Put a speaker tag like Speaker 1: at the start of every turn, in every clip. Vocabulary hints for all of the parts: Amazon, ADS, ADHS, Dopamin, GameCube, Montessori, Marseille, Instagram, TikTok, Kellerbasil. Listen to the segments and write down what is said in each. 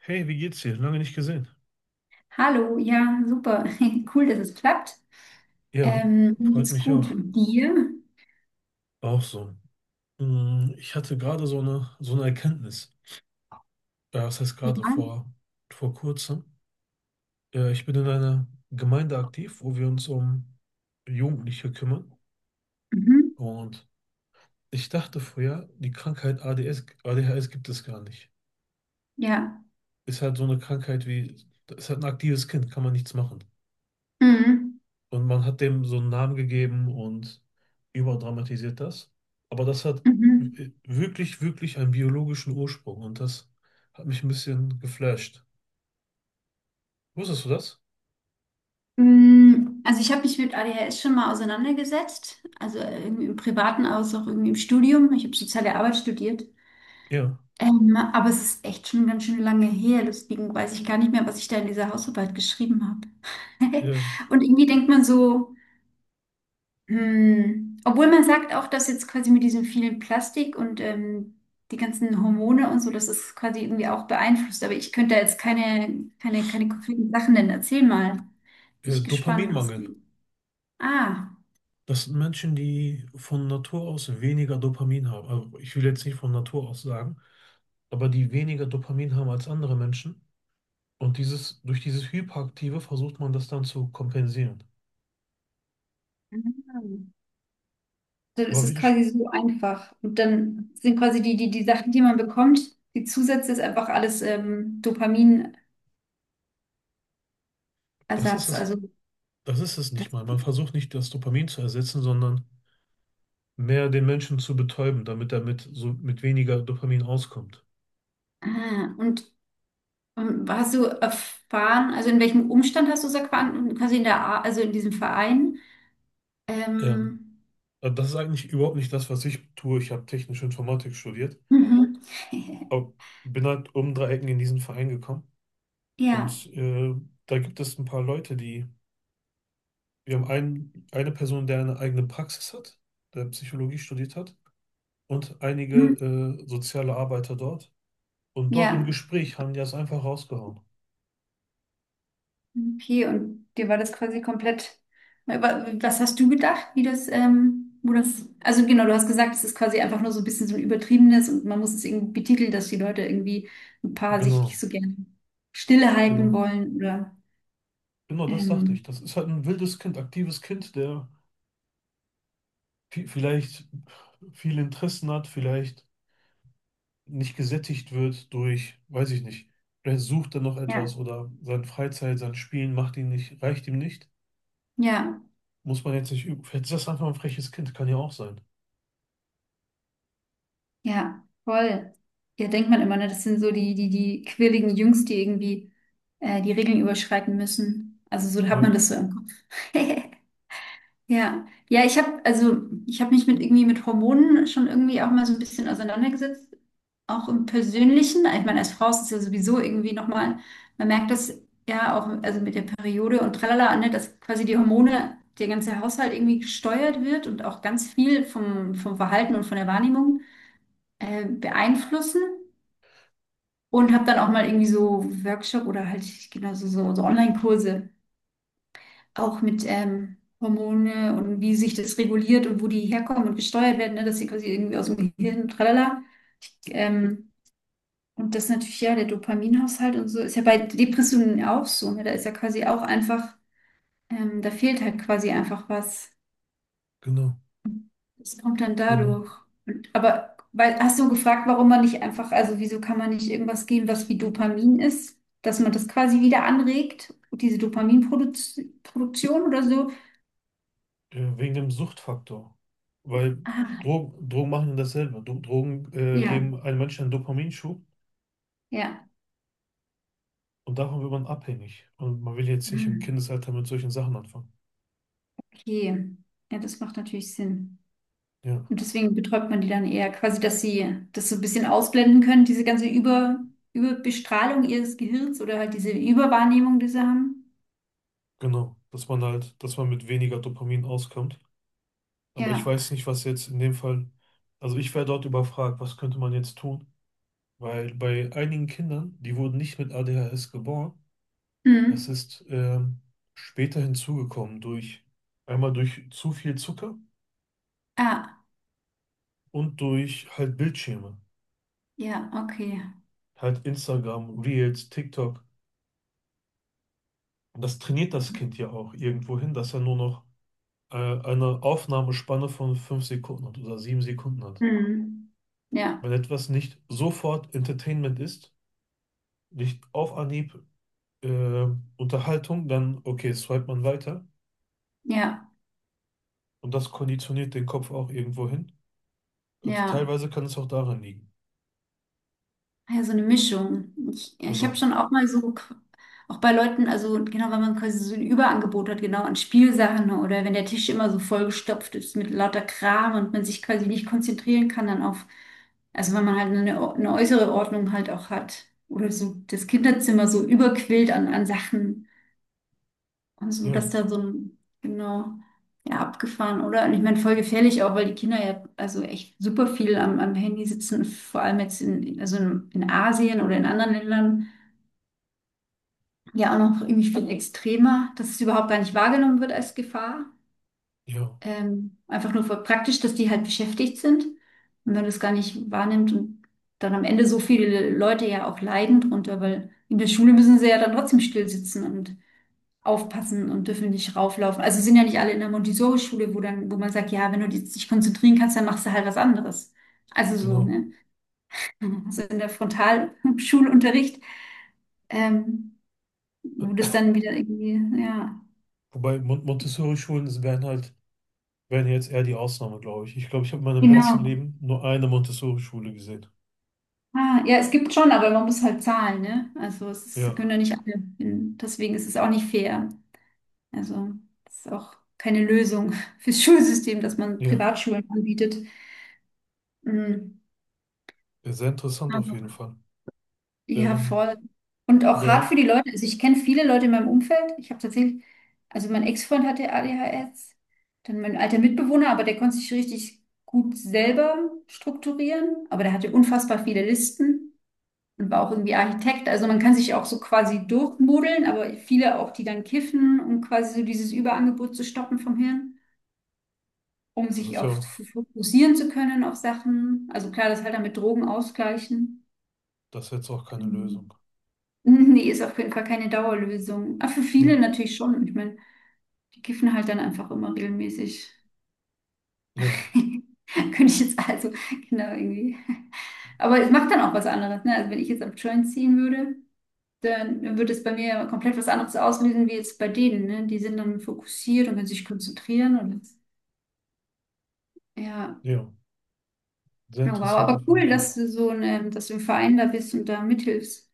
Speaker 1: Hey, wie geht's dir? Lange nicht gesehen.
Speaker 2: Hallo, ja, super. Cool, dass es klappt.
Speaker 1: Ja,
Speaker 2: Mir
Speaker 1: freut
Speaker 2: geht's
Speaker 1: mich
Speaker 2: gut.
Speaker 1: auch.
Speaker 2: Dir?
Speaker 1: Auch so. Mm, ich hatte gerade so eine Erkenntnis. Ja, das heißt
Speaker 2: Ja.
Speaker 1: vor kurzem. Ja, ich bin in einer Gemeinde aktiv, wo wir uns um Jugendliche kümmern.
Speaker 2: Mhm.
Speaker 1: Und ich dachte früher, die Krankheit ADS, ADHS gibt es gar nicht.
Speaker 2: Ja.
Speaker 1: Ist halt so eine Krankheit wie, ist halt ein aktives Kind, kann man nichts machen.
Speaker 2: Mhm.
Speaker 1: Und man hat dem so einen Namen gegeben und überdramatisiert das. Aber das hat
Speaker 2: Mhm.
Speaker 1: wirklich, wirklich einen biologischen Ursprung, und das hat mich ein bisschen geflasht. Wusstest du das?
Speaker 2: Also ich habe mich mit ADHS schon mal auseinandergesetzt, also irgendwie im Privaten aus, auch irgendwie im Studium. Ich habe soziale Arbeit studiert.
Speaker 1: Ja.
Speaker 2: Aber es ist echt schon ganz schön lange her, deswegen weiß ich gar nicht mehr, was ich da in dieser Hausarbeit geschrieben habe.
Speaker 1: Äh,
Speaker 2: Und irgendwie denkt man so. Hm. Obwohl man sagt auch, dass jetzt quasi mit diesem vielen Plastik und die ganzen Hormone und so, dass es quasi irgendwie auch beeinflusst. Aber ich könnte da jetzt keine konkreten Sachen nennen. Erzähl mal. Bin ich gespannt, was
Speaker 1: Dopaminmangel.
Speaker 2: du. Ah.
Speaker 1: Das sind Menschen, die von Natur aus weniger Dopamin haben. Also ich will jetzt nicht von Natur aus sagen, aber die weniger Dopamin haben als andere Menschen. Und dieses, durch dieses Hyperaktive versucht man das dann zu kompensieren.
Speaker 2: Ah. Dann ist
Speaker 1: Aber wie
Speaker 2: es
Speaker 1: du,
Speaker 2: quasi so einfach. Und dann sind quasi die Sachen, die man bekommt, die Zusätze ist einfach alles, Dopaminersatz.
Speaker 1: das ist
Speaker 2: Also
Speaker 1: es, das ist es
Speaker 2: das,
Speaker 1: nicht mal. Man versucht nicht, das Dopamin zu ersetzen, sondern mehr den Menschen zu betäuben, damit er mit, so, mit weniger Dopamin auskommt.
Speaker 2: ah, und hast du erfahren, also in welchem Umstand hast du es erfahren? Quasi in der, also in diesem Verein?
Speaker 1: Ähm,
Speaker 2: Ähm,
Speaker 1: also das ist eigentlich überhaupt nicht das, was ich tue. Ich habe technische Informatik studiert,
Speaker 2: mhm.
Speaker 1: aber bin halt um drei Ecken in diesen Verein gekommen.
Speaker 2: Ja,
Speaker 1: Und da gibt es ein paar Leute, die, wir haben einen, eine Person, der eine eigene Praxis hat, der Psychologie studiert hat, und einige
Speaker 2: hm,
Speaker 1: soziale Arbeiter dort. Und dort im
Speaker 2: ja,
Speaker 1: Gespräch haben die das einfach rausgehauen.
Speaker 2: okay. Und dir war das quasi komplett. Aber was hast du gedacht, wie das, wo das, also genau, du hast gesagt, es ist quasi einfach nur so ein bisschen so ein übertriebenes und man muss es irgendwie betiteln, dass die Leute irgendwie ein paar sich nicht
Speaker 1: Genau,
Speaker 2: so gerne stille halten
Speaker 1: genau.
Speaker 2: wollen oder,
Speaker 1: Genau, das dachte
Speaker 2: ähm,
Speaker 1: ich. Das ist halt ein wildes Kind, aktives Kind, der vielleicht viele Interessen hat, vielleicht nicht gesättigt wird durch, weiß ich nicht, vielleicht sucht er noch etwas
Speaker 2: ja,
Speaker 1: oder seine Freizeit, sein Spielen macht ihn nicht, reicht ihm nicht.
Speaker 2: ja.
Speaker 1: Muss man jetzt nicht üben. Vielleicht ist das einfach ein freches Kind, kann ja auch sein.
Speaker 2: Ja, voll. Ja, denkt man immer, ne? Das sind so die quirligen Jungs, die irgendwie die Regeln überschreiten müssen. Also so hat man das
Speaker 1: Ja,
Speaker 2: so im Kopf. Ja, ja, ich habe mich mit irgendwie mit Hormonen schon irgendwie auch mal so ein bisschen auseinandergesetzt, auch im Persönlichen. Ich meine, als Frau ist es ja sowieso irgendwie nochmal, man merkt das ja auch, also mit der Periode und tralala, ne, dass quasi die Hormone, der ganze Haushalt irgendwie gesteuert wird und auch ganz viel vom, vom Verhalten und von der Wahrnehmung beeinflussen und habe dann auch mal irgendwie so Workshop oder halt genau so Online-Kurse auch mit Hormone und wie sich das reguliert und wo die herkommen und gesteuert werden, ne, dass sie quasi irgendwie aus dem Gehirn, tralala. Ähm, und das natürlich, ja, der Dopaminhaushalt und so ist ja bei Depressionen auch so, ne? Da ist ja quasi auch einfach, da fehlt halt quasi einfach was.
Speaker 1: genau,
Speaker 2: Das kommt dann
Speaker 1: genau.
Speaker 2: dadurch. Und, aber weil, hast du gefragt, warum man nicht einfach, also wieso kann man nicht irgendwas geben, was wie Dopamin ist, dass man das quasi wieder anregt, diese Dopaminproduktion oder so?
Speaker 1: Ja, wegen dem Suchtfaktor. Weil
Speaker 2: Ah,
Speaker 1: Drogen, Drogen machen ja dasselbe. Drogen
Speaker 2: ja,
Speaker 1: geben einem Menschen einen Dopaminschub,
Speaker 2: ja.
Speaker 1: und davon wird man abhängig. Und man will jetzt nicht im
Speaker 2: Hm.
Speaker 1: Kindesalter mit solchen Sachen anfangen.
Speaker 2: Okay. Ja, das macht natürlich Sinn.
Speaker 1: Ja,
Speaker 2: Und deswegen betäubt man die dann eher quasi, dass sie das so ein bisschen ausblenden können, diese ganze Über, Überbestrahlung ihres Gehirns oder halt diese Überwahrnehmung, die sie haben.
Speaker 1: genau. Dass man halt, dass man mit weniger Dopamin auskommt. Aber ich
Speaker 2: Ja.
Speaker 1: weiß nicht, was jetzt in dem Fall, also ich wäre dort überfragt, was könnte man jetzt tun? Weil bei einigen Kindern, die wurden nicht mit ADHS geboren, das
Speaker 2: Hm.
Speaker 1: ist später hinzugekommen durch, einmal durch zu viel Zucker
Speaker 2: Ah,
Speaker 1: und durch halt Bildschirme.
Speaker 2: ja, okay.
Speaker 1: Halt Instagram, Reels, TikTok. Und das trainiert das Kind ja auch irgendwo hin, dass er nur noch eine Aufnahmespanne von 5 Sekunden hat oder 7 Sekunden hat.
Speaker 2: Hm. Ja,
Speaker 1: Wenn etwas nicht sofort Entertainment ist, nicht auf Anhieb äh, Unterhaltung, dann okay, swipe man weiter.
Speaker 2: ja,
Speaker 1: Und das konditioniert den Kopf auch irgendwo hin. Also
Speaker 2: ja.
Speaker 1: teilweise kann es auch daran liegen.
Speaker 2: Ah, ja, so eine Mischung. Ich habe
Speaker 1: Genau.
Speaker 2: schon auch mal so, qu- auch bei Leuten, also genau, wenn man quasi so ein Überangebot hat, genau, an Spielsachen oder wenn der Tisch immer so vollgestopft ist mit lauter Kram und man sich quasi nicht konzentrieren kann dann auf, also wenn man halt eine, eine äußere Ordnung halt auch hat. Oder so das Kinderzimmer so überquillt an, an Sachen. Also,
Speaker 1: Ja,
Speaker 2: dass da so ein, genau, ja, abgefahren, oder? Und ich meine, voll gefährlich auch, weil die Kinder ja, also echt super viel am, am Handy sitzen, vor allem jetzt in, also in Asien oder in anderen Ländern, ja, auch noch irgendwie viel extremer, dass es überhaupt gar nicht wahrgenommen wird als Gefahr.
Speaker 1: ja,
Speaker 2: Einfach nur voll praktisch, dass die halt beschäftigt sind und man das gar nicht wahrnimmt und dann am Ende so viele Leute ja auch leiden drunter, weil in der Schule müssen sie ja dann trotzdem still sitzen und aufpassen und dürfen nicht rauflaufen. Also sind ja nicht alle in der Montessori-Schule, wo dann, wo man sagt, ja, wenn du dich nicht konzentrieren kannst, dann machst du halt was anderes. Also so,
Speaker 1: genau.
Speaker 2: ne? Also in der Frontalschulunterricht, ähm, wo das dann wieder irgendwie, ja,
Speaker 1: Wobei Montessori-Schulen das wären halt, wären jetzt eher die Ausnahme, glaube ich. Ich glaube, ich habe in meinem ganzen
Speaker 2: genau.
Speaker 1: Leben nur eine Montessori-Schule gesehen.
Speaker 2: Ah, ja, es gibt schon, aber man muss halt zahlen, ne? Also es ist- können ja
Speaker 1: Ja,
Speaker 2: nicht alle, in, deswegen ist es auch nicht fair. Also es ist auch keine Lösung fürs Schulsystem, dass man
Speaker 1: ja.
Speaker 2: Privatschulen anbietet. Mm.
Speaker 1: Ja, sehr interessant auf jeden Fall.
Speaker 2: Ja,
Speaker 1: Ähm,
Speaker 2: voll. Und auch hart
Speaker 1: der,
Speaker 2: für die Leute. Also ich kenne viele Leute in meinem Umfeld. Ich habe tatsächlich, also mein Ex-Freund hatte ADHS, dann mein alter Mitbewohner, aber der konnte sich richtig gut selber strukturieren, aber der hatte unfassbar viele Listen und war auch irgendwie Architekt. Also man kann sich auch so quasi durchmodeln, aber viele auch, die dann kiffen, um quasi so dieses Überangebot zu stoppen vom Hirn, um
Speaker 1: das
Speaker 2: sich
Speaker 1: ist
Speaker 2: auch
Speaker 1: ja,
Speaker 2: f- fokussieren zu können auf Sachen. Also klar, das halt dann mit Drogen ausgleichen.
Speaker 1: das ist jetzt auch keine
Speaker 2: Ähm,
Speaker 1: Lösung.
Speaker 2: Mhm, nee, ist auf jeden Fall keine Dauerlösung. Aber für viele
Speaker 1: Ja,
Speaker 2: natürlich schon. Ich meine, die kiffen halt dann einfach immer regelmäßig.
Speaker 1: ja,
Speaker 2: Könnte ich jetzt also, genau, irgendwie. Aber es macht dann auch was anderes, ne? Also wenn ich jetzt am Joint ziehen würde, dann würde es bei mir ja komplett was anderes auslösen, wie jetzt bei denen, ne? Die sind dann fokussiert und können sich konzentrieren und ja.
Speaker 1: ja. Sehr
Speaker 2: Oh, wow,
Speaker 1: interessant
Speaker 2: aber
Speaker 1: auf jeden
Speaker 2: cool,
Speaker 1: Fall.
Speaker 2: dass du so eine, dass du im Verein da bist und da mithilfst.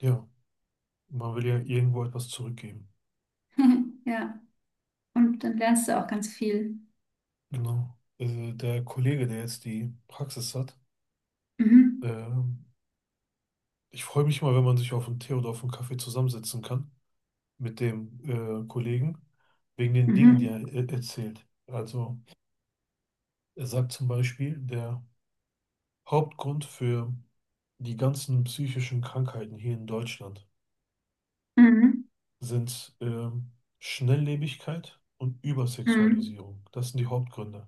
Speaker 1: Ja, man will ja irgendwo etwas zurückgeben.
Speaker 2: Ja. Und dann lernst du auch ganz viel.
Speaker 1: Genau. Der Kollege, der jetzt die Praxis hat,
Speaker 2: Mhm.
Speaker 1: ähm, ich freue mich mal, wenn man sich auf einen Tee oder auf einen Kaffee zusammensetzen kann mit dem Kollegen, wegen den Dingen, die er
Speaker 2: Mhm.
Speaker 1: erzählt. Also er sagt zum Beispiel, der Hauptgrund für die ganzen psychischen Krankheiten hier in Deutschland
Speaker 2: Mhm.
Speaker 1: sind Schnelllebigkeit und
Speaker 2: Mhm.
Speaker 1: Übersexualisierung. Das sind die Hauptgründe.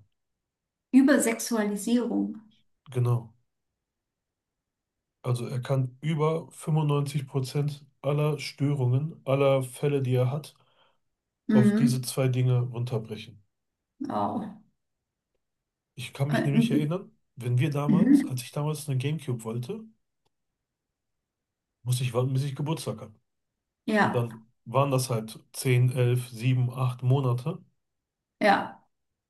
Speaker 2: Übersexualisierung.
Speaker 1: Genau. Also er kann über 95% aller Störungen, aller Fälle, die er hat, auf diese
Speaker 2: Mhm.
Speaker 1: zwei Dinge runterbrechen.
Speaker 2: Wow.
Speaker 1: Ich kann mich nämlich
Speaker 2: Mhm.
Speaker 1: erinnern, wenn wir damals, als
Speaker 2: Mhm.
Speaker 1: ich damals eine GameCube wollte, musste ich warten, bis ich Geburtstag habe. Und
Speaker 2: Ja,
Speaker 1: dann waren das halt 10, 11, 7, 8 Monate.
Speaker 2: ja.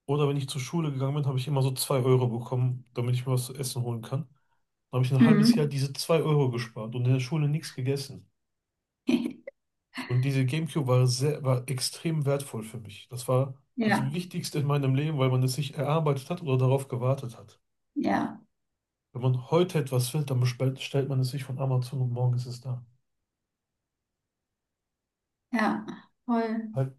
Speaker 1: Oder wenn ich zur Schule gegangen bin, habe ich immer so 2 Euro bekommen, damit ich mir was zu essen holen kann. Dann habe ich ein halbes Jahr
Speaker 2: Mhm.
Speaker 1: diese 2 Euro gespart und in der Schule nichts gegessen. Und diese GameCube war sehr, war extrem wertvoll für mich. Das war das
Speaker 2: Ja,
Speaker 1: Wichtigste in meinem Leben, weil man es sich erarbeitet hat oder darauf gewartet hat.
Speaker 2: ja,
Speaker 1: Wenn man heute etwas will, dann bestellt, stellt man es sich von Amazon, und morgen ist es da.
Speaker 2: ja. Voll.
Speaker 1: Halt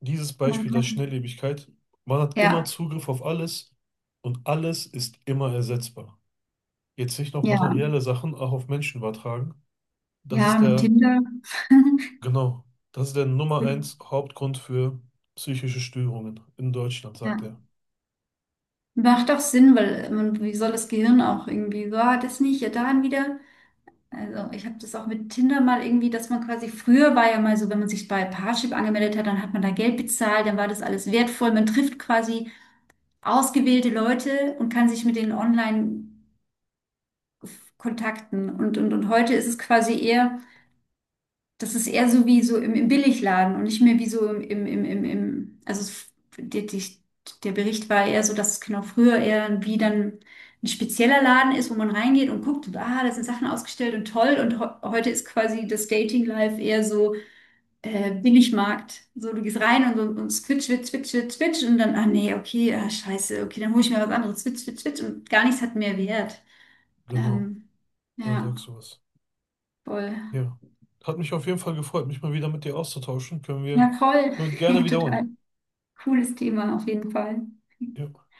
Speaker 1: dieses
Speaker 2: Man
Speaker 1: Beispiel der
Speaker 2: kann.
Speaker 1: Schnelllebigkeit. Man hat immer
Speaker 2: Ja,
Speaker 1: Zugriff auf alles und alles ist immer ersetzbar. Jetzt nicht noch
Speaker 2: ja.
Speaker 1: materielle Sachen auch auf Menschen übertragen. Das
Speaker 2: Ja,
Speaker 1: ist
Speaker 2: mit
Speaker 1: der,
Speaker 2: Tinder.
Speaker 1: genau, das ist der Nummer eins Hauptgrund für psychische Störungen in Deutschland, sagt
Speaker 2: Ja.
Speaker 1: er.
Speaker 2: Macht doch Sinn, weil man, wie soll das Gehirn auch irgendwie, so, ah, das nicht, ja, dann wieder. Also ich habe das auch mit Tinder mal irgendwie, dass man quasi früher war ja mal so, wenn man sich bei Parship angemeldet hat, dann hat man da Geld bezahlt, dann war das alles wertvoll. Man trifft quasi ausgewählte Leute und kann sich mit denen online kontakten. Und, und heute ist es quasi eher, das ist eher so wie so im, im Billigladen und nicht mehr wie so im also es- die, die, der Bericht war eher so, dass es genau früher eher wie dann ein spezieller Laden ist, wo man reingeht und guckt und ah, da sind Sachen ausgestellt und toll. Und ho heute ist quasi das Dating-Life eher so, Billigmarkt. So, du gehst rein und, so und switch und dann, ah nee, okay, ah, scheiße, okay, dann hole ich mir was anderes, switch und gar nichts hat mehr Wert.
Speaker 1: Genau,
Speaker 2: Ähm,
Speaker 1: dann
Speaker 2: ja,
Speaker 1: sagst du was.
Speaker 2: voll.
Speaker 1: Ja. Hat mich auf jeden Fall gefreut, mich mal wieder mit dir auszutauschen.
Speaker 2: Ja, voll.
Speaker 1: Können wir gerne
Speaker 2: Ja,
Speaker 1: wiederholen.
Speaker 2: total cooles Thema auf jeden Fall.
Speaker 1: Ja.